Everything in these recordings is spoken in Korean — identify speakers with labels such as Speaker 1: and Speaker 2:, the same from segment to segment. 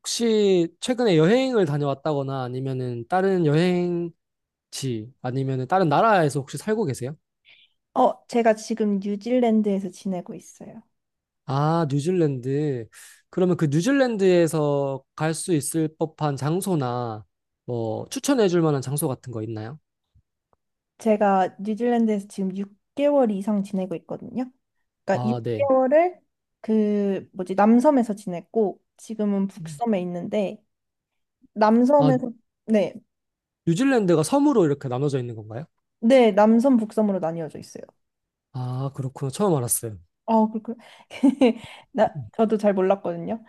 Speaker 1: 혹시 최근에 여행을 다녀왔다거나 아니면은 다른 여행지 아니면은 다른 나라에서 혹시 살고 계세요?
Speaker 2: 제가 지금 뉴질랜드에서 지내고 있어요.
Speaker 1: 아, 뉴질랜드. 그러면 그 뉴질랜드에서 갈 수 있을 법한 장소나 뭐 추천해 줄 만한 장소 같은 거 있나요?
Speaker 2: 제가 뉴질랜드에서 지금 6개월 이상 지내고 있거든요. 그러니까
Speaker 1: 아, 네.
Speaker 2: 6개월을 그 뭐지 남섬에서 지냈고 지금은
Speaker 1: 음.
Speaker 2: 북섬에 있는데
Speaker 1: 아,
Speaker 2: 남섬에서 네,
Speaker 1: 뉴질랜드가 섬으로 이렇게 나눠져 있는 건가요?
Speaker 2: 네, 남섬 북섬으로 나뉘어져 있어요.
Speaker 1: 아, 그렇구나. 처음 알았어요.
Speaker 2: 그렇군.
Speaker 1: 음,
Speaker 2: 저도 잘 몰랐거든요.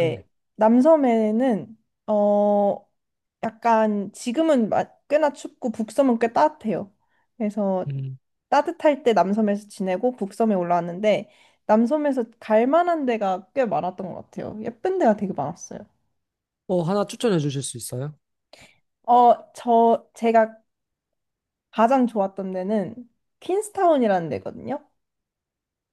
Speaker 1: 네.
Speaker 2: 남섬에는, 어, 약간 지금은 꽤나 춥고 북섬은 꽤 따뜻해요. 그래서
Speaker 1: 음.
Speaker 2: 따뜻할 때 남섬에서 지내고 북섬에 올라왔는데 남섬에서 갈 만한 데가 꽤 많았던 것 같아요. 예쁜 데가 되게 많았어요.
Speaker 1: 어, 하나 추천해 주실 수 있어요?
Speaker 2: 제가 가장 좋았던 데는 퀸스타운이라는 데거든요.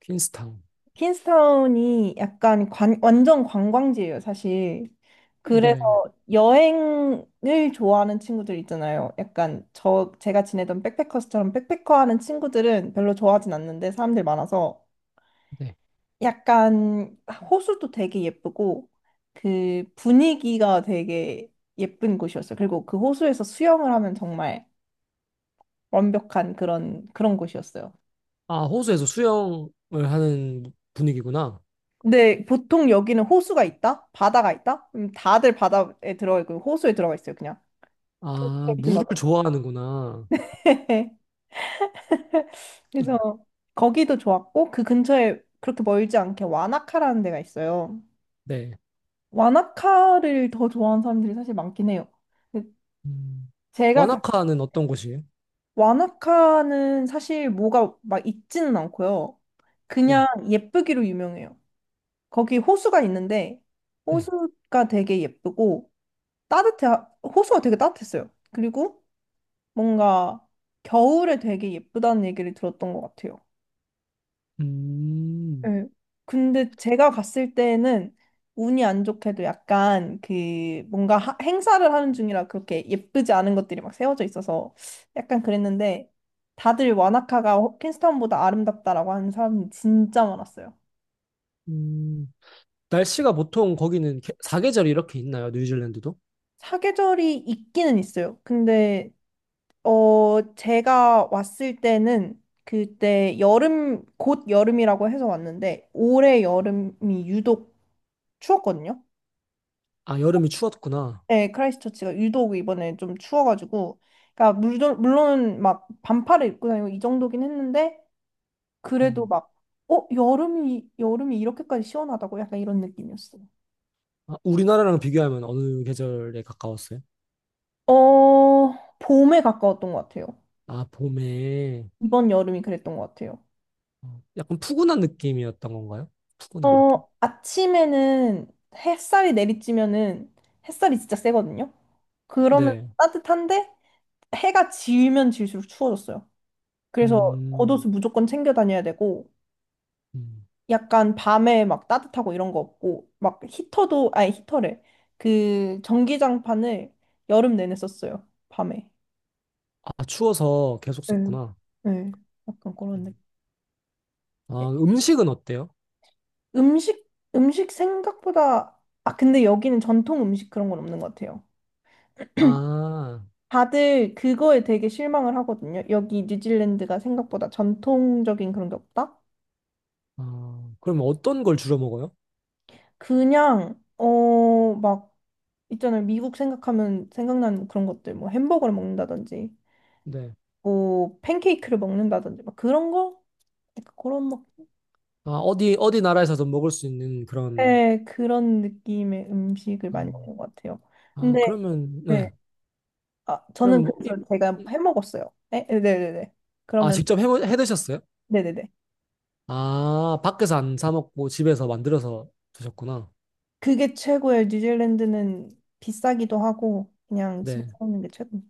Speaker 1: 퀸스타운.
Speaker 2: 킨스타운이 약간 완전 관광지예요, 사실. 그래서
Speaker 1: 네.
Speaker 2: 여행을 좋아하는 친구들 있잖아요. 약간 제가 지내던 백패커스처럼 백패커 하는 친구들은 별로 좋아하진 않는데 사람들 많아서
Speaker 1: 네.
Speaker 2: 약간 호수도 되게 예쁘고 그 분위기가 되게 예쁜 곳이었어요. 그리고 그 호수에서 수영을 하면 정말 완벽한 그런 곳이었어요.
Speaker 1: 아, 호수에서 수영을 하는 분위기구나.
Speaker 2: 근데 보통 여기는 호수가 있다? 바다가 있다? 다들 바다에 들어가 있고 호수에 들어가 있어요, 그냥.
Speaker 1: 아,
Speaker 2: 도시에 있든
Speaker 1: 물을
Speaker 2: 어떤.
Speaker 1: 좋아하는구나.
Speaker 2: 그래서 거기도 좋았고 그 근처에 그렇게 멀지 않게 와나카라는 데가 있어요.
Speaker 1: 네.
Speaker 2: 와나카를 더 좋아하는 사람들이 사실 많긴 해요. 근데
Speaker 1: 음.
Speaker 2: 제가 가-
Speaker 1: 와나카는 어떤 곳이에요?
Speaker 2: 와나카는 사실 뭐가 막 있지는 않고요.
Speaker 1: 네.
Speaker 2: 그냥 예쁘기로 유명해요. 거기 호수가 있는데
Speaker 1: 네.
Speaker 2: 호수가 되게 예쁘고 따뜻해 호수가 되게 따뜻했어요. 그리고 뭔가 겨울에 되게 예쁘다는 얘기를 들었던 것 같아요.
Speaker 1: 음.
Speaker 2: 네. 근데 제가 갔을 때는 운이 안 좋게도 약간 그 뭔가 행사를 하는 중이라 그렇게 예쁘지 않은 것들이 막 세워져 있어서 약간 그랬는데 다들 와나카가 킨스타운보다 아름답다라고 하는 사람이 진짜 많았어요.
Speaker 1: 음. 날씨가 보통 거기는 개- 사계절이 이렇게 있나요? 뉴질랜드도?
Speaker 2: 사계절이 있기는 있어요. 근데 제가 왔을 때는 그때 곧 여름이라고 해서 왔는데 올해 여름이 유독 추웠거든요.
Speaker 1: 아, 여름이 추웠구나.
Speaker 2: 네, 크라이스트처치가 유독 이번에 좀 추워가지고, 그러니까 물론 막 반팔을 입고 다니고 이 정도긴 했는데 그래도
Speaker 1: 음.
Speaker 2: 막 여름이 이렇게까지 시원하다고 약간 이런 느낌이었어요.
Speaker 1: 아, 우리나라랑 비교하면 어느 계절에 가까웠어요?
Speaker 2: 어, 봄에 가까웠던 것 같아요.
Speaker 1: 아, 봄에.
Speaker 2: 이번 여름이 그랬던 것 같아요.
Speaker 1: 어, 약간 푸근한 느낌이었던 건가요? 푸근한 느낌?
Speaker 2: 아침에는 햇살이 내리쬐면은 햇살이 진짜 세거든요. 그러면
Speaker 1: 네.
Speaker 2: 따뜻한데 해가 지면 질수록 추워졌어요. 그래서
Speaker 1: 음.
Speaker 2: 겉옷을 무조건 챙겨 다녀야 되고
Speaker 1: 음.
Speaker 2: 약간 밤에 막 따뜻하고 이런 거 없고 막 히터도 아니 히터래. 그 전기장판을 여름 내내 썼어요. 밤에.
Speaker 1: 아, 추워서 계속
Speaker 2: 네.
Speaker 1: 썼구나.
Speaker 2: 네. 약간 그런 느낌. 예,
Speaker 1: 아, 음식은 어때요?
Speaker 2: 음식 음식 생각보다 아 근데 여기는 전통 음식 그런 건 없는 것 같아요.
Speaker 1: 아.
Speaker 2: 다들 그거에 되게 실망을 하거든요. 여기 뉴질랜드가 생각보다 전통적인 그런 게 없다?
Speaker 1: 아, 그럼 어떤 걸 주로 먹어요?
Speaker 2: 그냥, 막, 있잖아요. 미국 생각하면 생각나는 그런 것들, 뭐 햄버거를 먹는다든지,
Speaker 1: 네.
Speaker 2: 뭐 팬케이크를 먹는다든지, 막 그런 거? 약간 그런 막,
Speaker 1: 아, 어디, 어디 나라에서도 먹을 수 있는 그런,
Speaker 2: 네, 그런 느낌의 음식을 많이
Speaker 1: 음,
Speaker 2: 먹는 것 같아요.
Speaker 1: 아,
Speaker 2: 근데,
Speaker 1: 그러면,
Speaker 2: 네.
Speaker 1: 네.
Speaker 2: 아, 저는
Speaker 1: 그러면 뭐, 이-
Speaker 2: 그래서 제가
Speaker 1: 이-
Speaker 2: 해 먹었어요. 네? 네네네.
Speaker 1: 아,
Speaker 2: 그러면,
Speaker 1: 직접 해, 해 드셨어요?
Speaker 2: 네네네.
Speaker 1: 아, 밖에서 안 사 먹고 집에서 만들어서 드셨구나.
Speaker 2: 그게 최고예요. 뉴질랜드는 비싸기도 하고 그냥 집에서
Speaker 1: 네.
Speaker 2: 먹는 게 최고.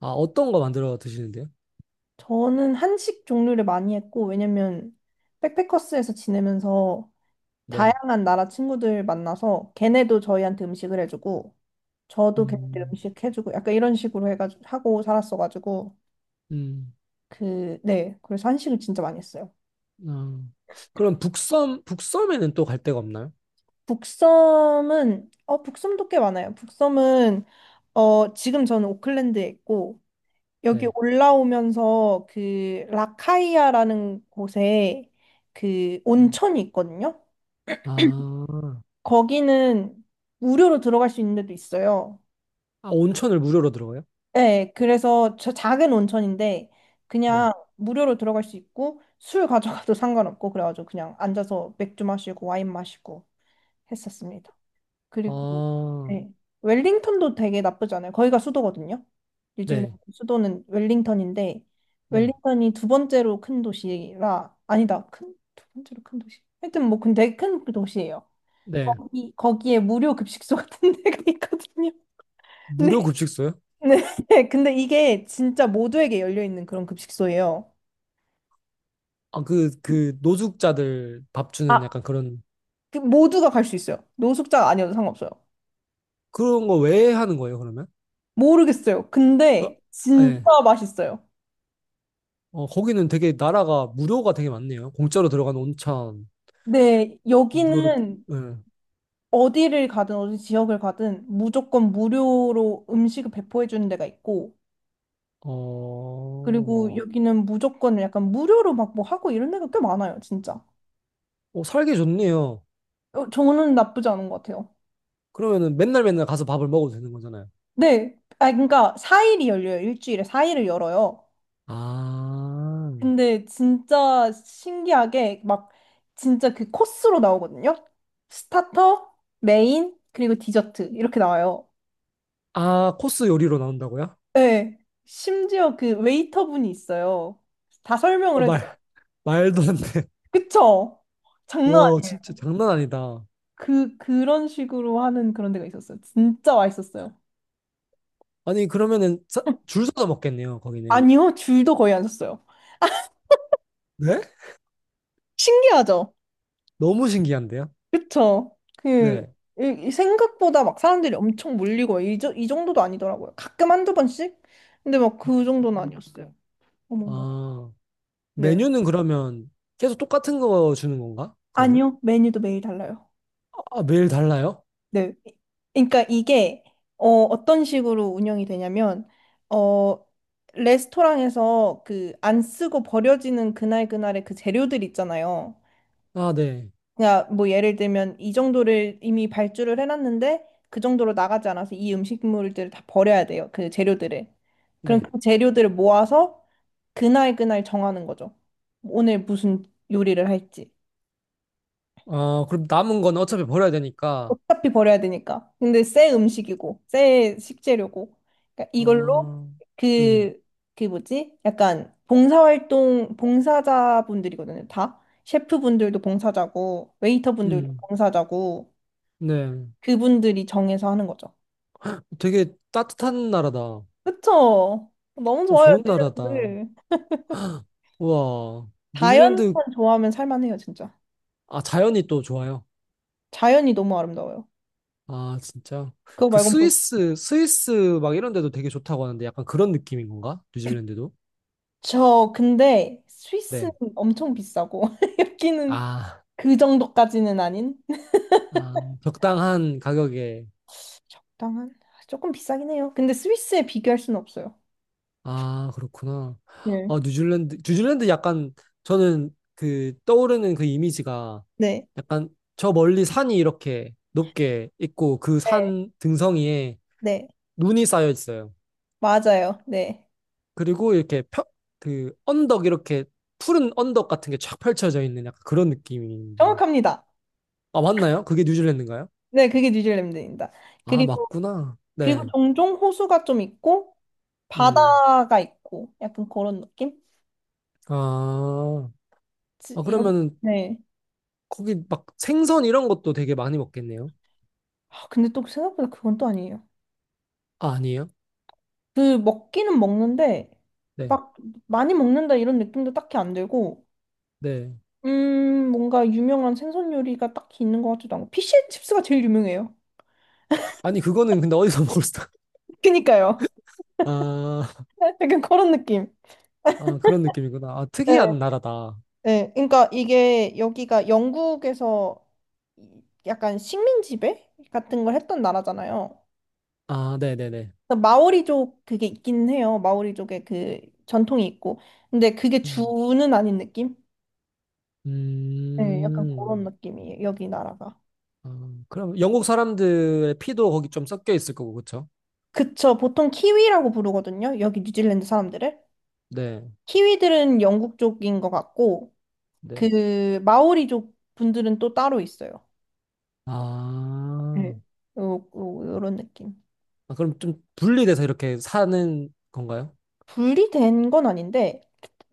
Speaker 1: 아, 어떤 거 만들어 드시는데요?
Speaker 2: 저는 한식 종류를 많이 했고 왜냐면 백패커스에서 지내면서
Speaker 1: 네.
Speaker 2: 다양한 나라 친구들 만나서 걔네도 저희한테 음식을 해주고 저도 걔네들
Speaker 1: 음,
Speaker 2: 음식 해주고 약간 이런 식으로 해가지고 하고 살았어가지고
Speaker 1: 음,
Speaker 2: 그 네 그래서 한식을 진짜 많이 했어요.
Speaker 1: 아. 그럼 북섬, 북섬에는 또 갈 데가 없나요?
Speaker 2: 북섬은 북섬도 꽤 많아요. 북섬은 지금 저는 오클랜드에 있고 여기
Speaker 1: 네.
Speaker 2: 올라오면서 그 라카이아라는 곳에 그
Speaker 1: 음.
Speaker 2: 온천이 있거든요.
Speaker 1: 아,
Speaker 2: 거기는 무료로 들어갈 수 있는 데도 있어요.
Speaker 1: 아, 온천을 무료로 들어가요?
Speaker 2: 네, 그래서 저 작은 온천인데
Speaker 1: 네.
Speaker 2: 그냥 무료로 들어갈 수 있고 술 가져가도 상관없고 그래가지고 그냥 앉아서 맥주 마시고 와인 마시고 했었습니다. 그리고
Speaker 1: 아,
Speaker 2: 네. 웰링턴도 되게 나쁘지 않아요. 거기가 수도거든요. 뉴질랜드
Speaker 1: 네.
Speaker 2: 수도는 웰링턴인데
Speaker 1: 네.
Speaker 2: 웰링턴이 두 번째로 큰 도시라 아니다. 큰 두 번째로 큰 도시. 하여튼 뭐 근데 큰 그 도시예요.
Speaker 1: 네.
Speaker 2: 거기에 무료 급식소 같은 데가 있거든요.
Speaker 1: 무료
Speaker 2: 네.
Speaker 1: 급식소요?
Speaker 2: 네. 근데 이게 진짜 모두에게 열려 있는 그런 급식소예요.
Speaker 1: 아, 그, 그, 노숙자들 밥 주는
Speaker 2: 아,
Speaker 1: 약간 그런,
Speaker 2: 그 모두가 갈 수 있어요. 노숙자가 아니어도 상관없어요.
Speaker 1: 그런 거 왜 하는 거예요, 그러면?
Speaker 2: 모르겠어요.
Speaker 1: 어,
Speaker 2: 근데 진짜
Speaker 1: 예.
Speaker 2: 맛있어요.
Speaker 1: 어, 거기는 되게 나라가 무료가 되게 많네요. 공짜로 들어가는 온천,
Speaker 2: 네,
Speaker 1: 무료로,
Speaker 2: 여기는
Speaker 1: 예.
Speaker 2: 어디를 가든 어디 지역을 가든 무조건 무료로 음식을 배포해 주는 데가 있고 그리고
Speaker 1: 어,
Speaker 2: 여기는 무조건 약간 무료로 막 뭐 하고 이런 데가 꽤 많아요, 진짜.
Speaker 1: 어, 살기 좋네요.
Speaker 2: 저는 나쁘지 않은 것 같아요.
Speaker 1: 그러면은 맨날 맨날 가서 밥을 먹어도 되는 거잖아요.
Speaker 2: 네. 아, 그러니까 4일이 열려요. 일주일에 4일을 열어요.
Speaker 1: 아,
Speaker 2: 근데 진짜 신기하게 막 진짜 그 코스로 나오거든요. 스타터, 메인, 그리고 디저트 이렇게 나와요.
Speaker 1: 아, 코스 요리로 나온다고요?
Speaker 2: 네. 심지어 그 웨이터분이 있어요. 다 설명을
Speaker 1: 어,
Speaker 2: 해줘요.
Speaker 1: 말, 말도 안 돼.
Speaker 2: 그쵸? 장난
Speaker 1: 와,
Speaker 2: 아니.
Speaker 1: 진짜 장난 아니다.
Speaker 2: 그 그런 식으로 하는 그런 데가 있었어요. 진짜 맛있었어요.
Speaker 1: 아니, 그러면은 사- 줄 서서 먹겠네요, 거기는.
Speaker 2: 아니요, 줄도 거의 안 섰어요.
Speaker 1: 네?
Speaker 2: 신기하죠?
Speaker 1: 너무 신기한데요?
Speaker 2: 그쵸? 그
Speaker 1: 네.
Speaker 2: 이 생각보다 막 사람들이 엄청 몰리고 이 정도도 아니더라고요. 가끔 한두 번씩? 근데 막 그 정도는 아니었어요. 어머머.
Speaker 1: 아,
Speaker 2: 네.
Speaker 1: 메뉴는 그러면 계속 똑같은 거 주는 건가? 그러면?
Speaker 2: 아니요, 메뉴도 매일 달라요.
Speaker 1: 아, 매일 달라요?
Speaker 2: 네. 그러니까 이게 어떤 식으로 운영이 되냐면 어, 레스토랑에서 그 안 쓰고 버려지는 그날 그날의 그 재료들 있잖아요.
Speaker 1: 아, 네.
Speaker 2: 그냥 뭐 예를 들면 이 정도를 이미 발주를 해놨는데 그 정도로 나가지 않아서 이 음식물들을 다 버려야 돼요. 그 재료들을. 그럼
Speaker 1: 네.
Speaker 2: 그 재료들을 모아서 그날 그날 정하는 거죠. 오늘 무슨 요리를 할지.
Speaker 1: 아, 그럼 남은 건 어차피 버려야 되니까.
Speaker 2: 어차피 버려야 되니까. 근데 새 음식이고, 새 식재료고. 그러니까 이걸로
Speaker 1: 아, 음,
Speaker 2: 그, 그 뭐지? 약간 봉사활동, 봉사자분들이거든요. 다. 셰프분들도 봉사자고, 웨이터분들도
Speaker 1: 음,
Speaker 2: 봉사자고,
Speaker 1: 네.
Speaker 2: 그분들이 정해서 하는 거죠.
Speaker 1: 되게 따뜻한 나라다. 어,
Speaker 2: 그쵸? 너무 좋아요,
Speaker 1: 좋은 나라다.
Speaker 2: 릴리아들.
Speaker 1: 우와. 뉴질랜드,
Speaker 2: 자연만 좋아하면 살만해요, 진짜.
Speaker 1: 아, 자연이 또 좋아요.
Speaker 2: 자연이 너무 아름다워요.
Speaker 1: 아, 진짜.
Speaker 2: 그거
Speaker 1: 그
Speaker 2: 말고
Speaker 1: 스위스, 스위스 막 이런 데도 되게 좋다고 하는데 약간 그런 느낌인 건가? 뉴질랜드도?
Speaker 2: 저 근데 스위스는
Speaker 1: 네.
Speaker 2: 엄청 비싸고 여기는
Speaker 1: 아.
Speaker 2: 그 정도까지는 아닌
Speaker 1: 아, 적당한 가격에.
Speaker 2: 적당한? 조금 비싸긴 해요. 근데 스위스에 비교할 수는 없어요.
Speaker 1: 아, 그렇구나.
Speaker 2: 네.
Speaker 1: 아, 뉴질랜드, 뉴질랜드 약간 저는 그 떠오르는 그 이미지가
Speaker 2: 네.
Speaker 1: 약간 저 멀리 산이 이렇게 높게 있고 그
Speaker 2: 네,
Speaker 1: 산 등성이에
Speaker 2: 네,
Speaker 1: 눈이 쌓여 있어요.
Speaker 2: 맞아요. 네.
Speaker 1: 그리고 이렇게 펴, 그 언덕 이렇게 푸른 언덕 같은 게 쫙 펼쳐져 있는 약간 그런 느낌인데.
Speaker 2: 정확합니다.
Speaker 1: 아, 맞나요? 그게 뉴질랜드인가요?
Speaker 2: 네, 그게 뉴질랜드입니다.
Speaker 1: 아,
Speaker 2: 그리고,
Speaker 1: 맞구나.
Speaker 2: 그리고
Speaker 1: 네.
Speaker 2: 종종 호수가 좀 있고,
Speaker 1: 음.
Speaker 2: 바다가 있고, 약간 그런 느낌?
Speaker 1: 아,
Speaker 2: 지-
Speaker 1: 아
Speaker 2: 이런,
Speaker 1: 그러면 은
Speaker 2: 네.
Speaker 1: 거기 막 생선 이런 것도 되게 많이 먹겠네요.
Speaker 2: 아, 근데 또 생각보다 그건 또 아니에요.
Speaker 1: 아, 아니에요?
Speaker 2: 그, 먹기는 먹는데,
Speaker 1: 네.
Speaker 2: 막, 많이 먹는다 이런 느낌도 딱히 안 들고,
Speaker 1: 네.
Speaker 2: 뭔가 유명한 생선 요리가 딱히 있는 것 같지도 않고, 피쉬앤칩스가 제일 유명해요.
Speaker 1: 아니, 그거는 근데 어디서 먹을 수,
Speaker 2: 그니까요.
Speaker 1: 아,
Speaker 2: 약간 그런 느낌.
Speaker 1: 아, 그런 느낌이구나. 아,
Speaker 2: 네.
Speaker 1: 특이한 나라다.
Speaker 2: 네, 그러니까 이게 여기가 영국에서 약간 식민 지배 같은 걸 했던 나라잖아요.
Speaker 1: 아, 네네네.
Speaker 2: 그래서 마오리족 그게 있긴 해요. 마오리족의 그 전통이 있고. 근데 그게
Speaker 1: 음,
Speaker 2: 주는 아닌 느낌? 네, 약간
Speaker 1: 음,
Speaker 2: 그런 느낌이에요. 여기 나라가.
Speaker 1: 아, 그럼 영국 사람들의 피도 거기 좀 섞여 있을 거고, 그쵸?
Speaker 2: 그쵸. 보통 키위라고 부르거든요. 여기 뉴질랜드 사람들을.
Speaker 1: 네,
Speaker 2: 키위들은 영국 쪽인 것 같고,
Speaker 1: 네.
Speaker 2: 그 마오리족 분들은 또 따로 있어요.
Speaker 1: 아,
Speaker 2: 네. 요, 요, 요런 느낌.
Speaker 1: 아, 그럼 좀 분리돼서 이렇게 사는 건가요?
Speaker 2: 분리된 건 아닌데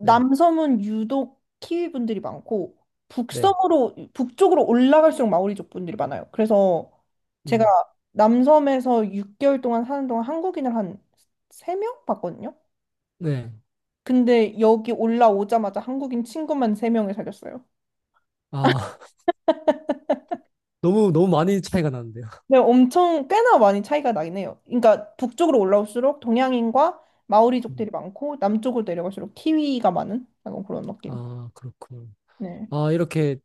Speaker 1: 네,
Speaker 2: 유독 키위 분들이 많고
Speaker 1: 네.
Speaker 2: 북섬으로 북쪽으로 올라갈수록 마오리족 분들이 많아요. 그래서 제가
Speaker 1: 음,
Speaker 2: 남섬에서 6개월 동안 사는 동안 한국인을 한 3명 봤거든요.
Speaker 1: 네.
Speaker 2: 근데 여기 올라오자마자 한국인 친구만 3명을 사귀었어요.
Speaker 1: 아, 너무, 너무 많이 차이가 나는데요.
Speaker 2: 네, 엄청 꽤나 많이 차이가 나긴 해요. 그러니까 북쪽으로 올라올수록 동양인과
Speaker 1: 음,
Speaker 2: 마오리족들이 많고 남쪽으로 내려갈수록 키위가 많은 약간 그런 느낌.
Speaker 1: 아, 그렇군.
Speaker 2: 네.
Speaker 1: 아, 이렇게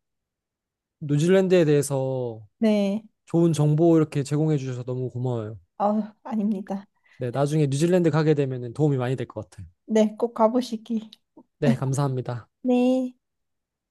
Speaker 1: 뉴질랜드에 대해서
Speaker 2: 네.
Speaker 1: 좋은 정보 이렇게 제공해 주셔서 너무 고마워요.
Speaker 2: 아, 아닙니다.
Speaker 1: 네, 나중에 뉴질랜드 가게 되면 도움이 많이 될 것 같아요.
Speaker 2: 네, 꼭 가보시기.
Speaker 1: 네, 감사합니다.
Speaker 2: 네.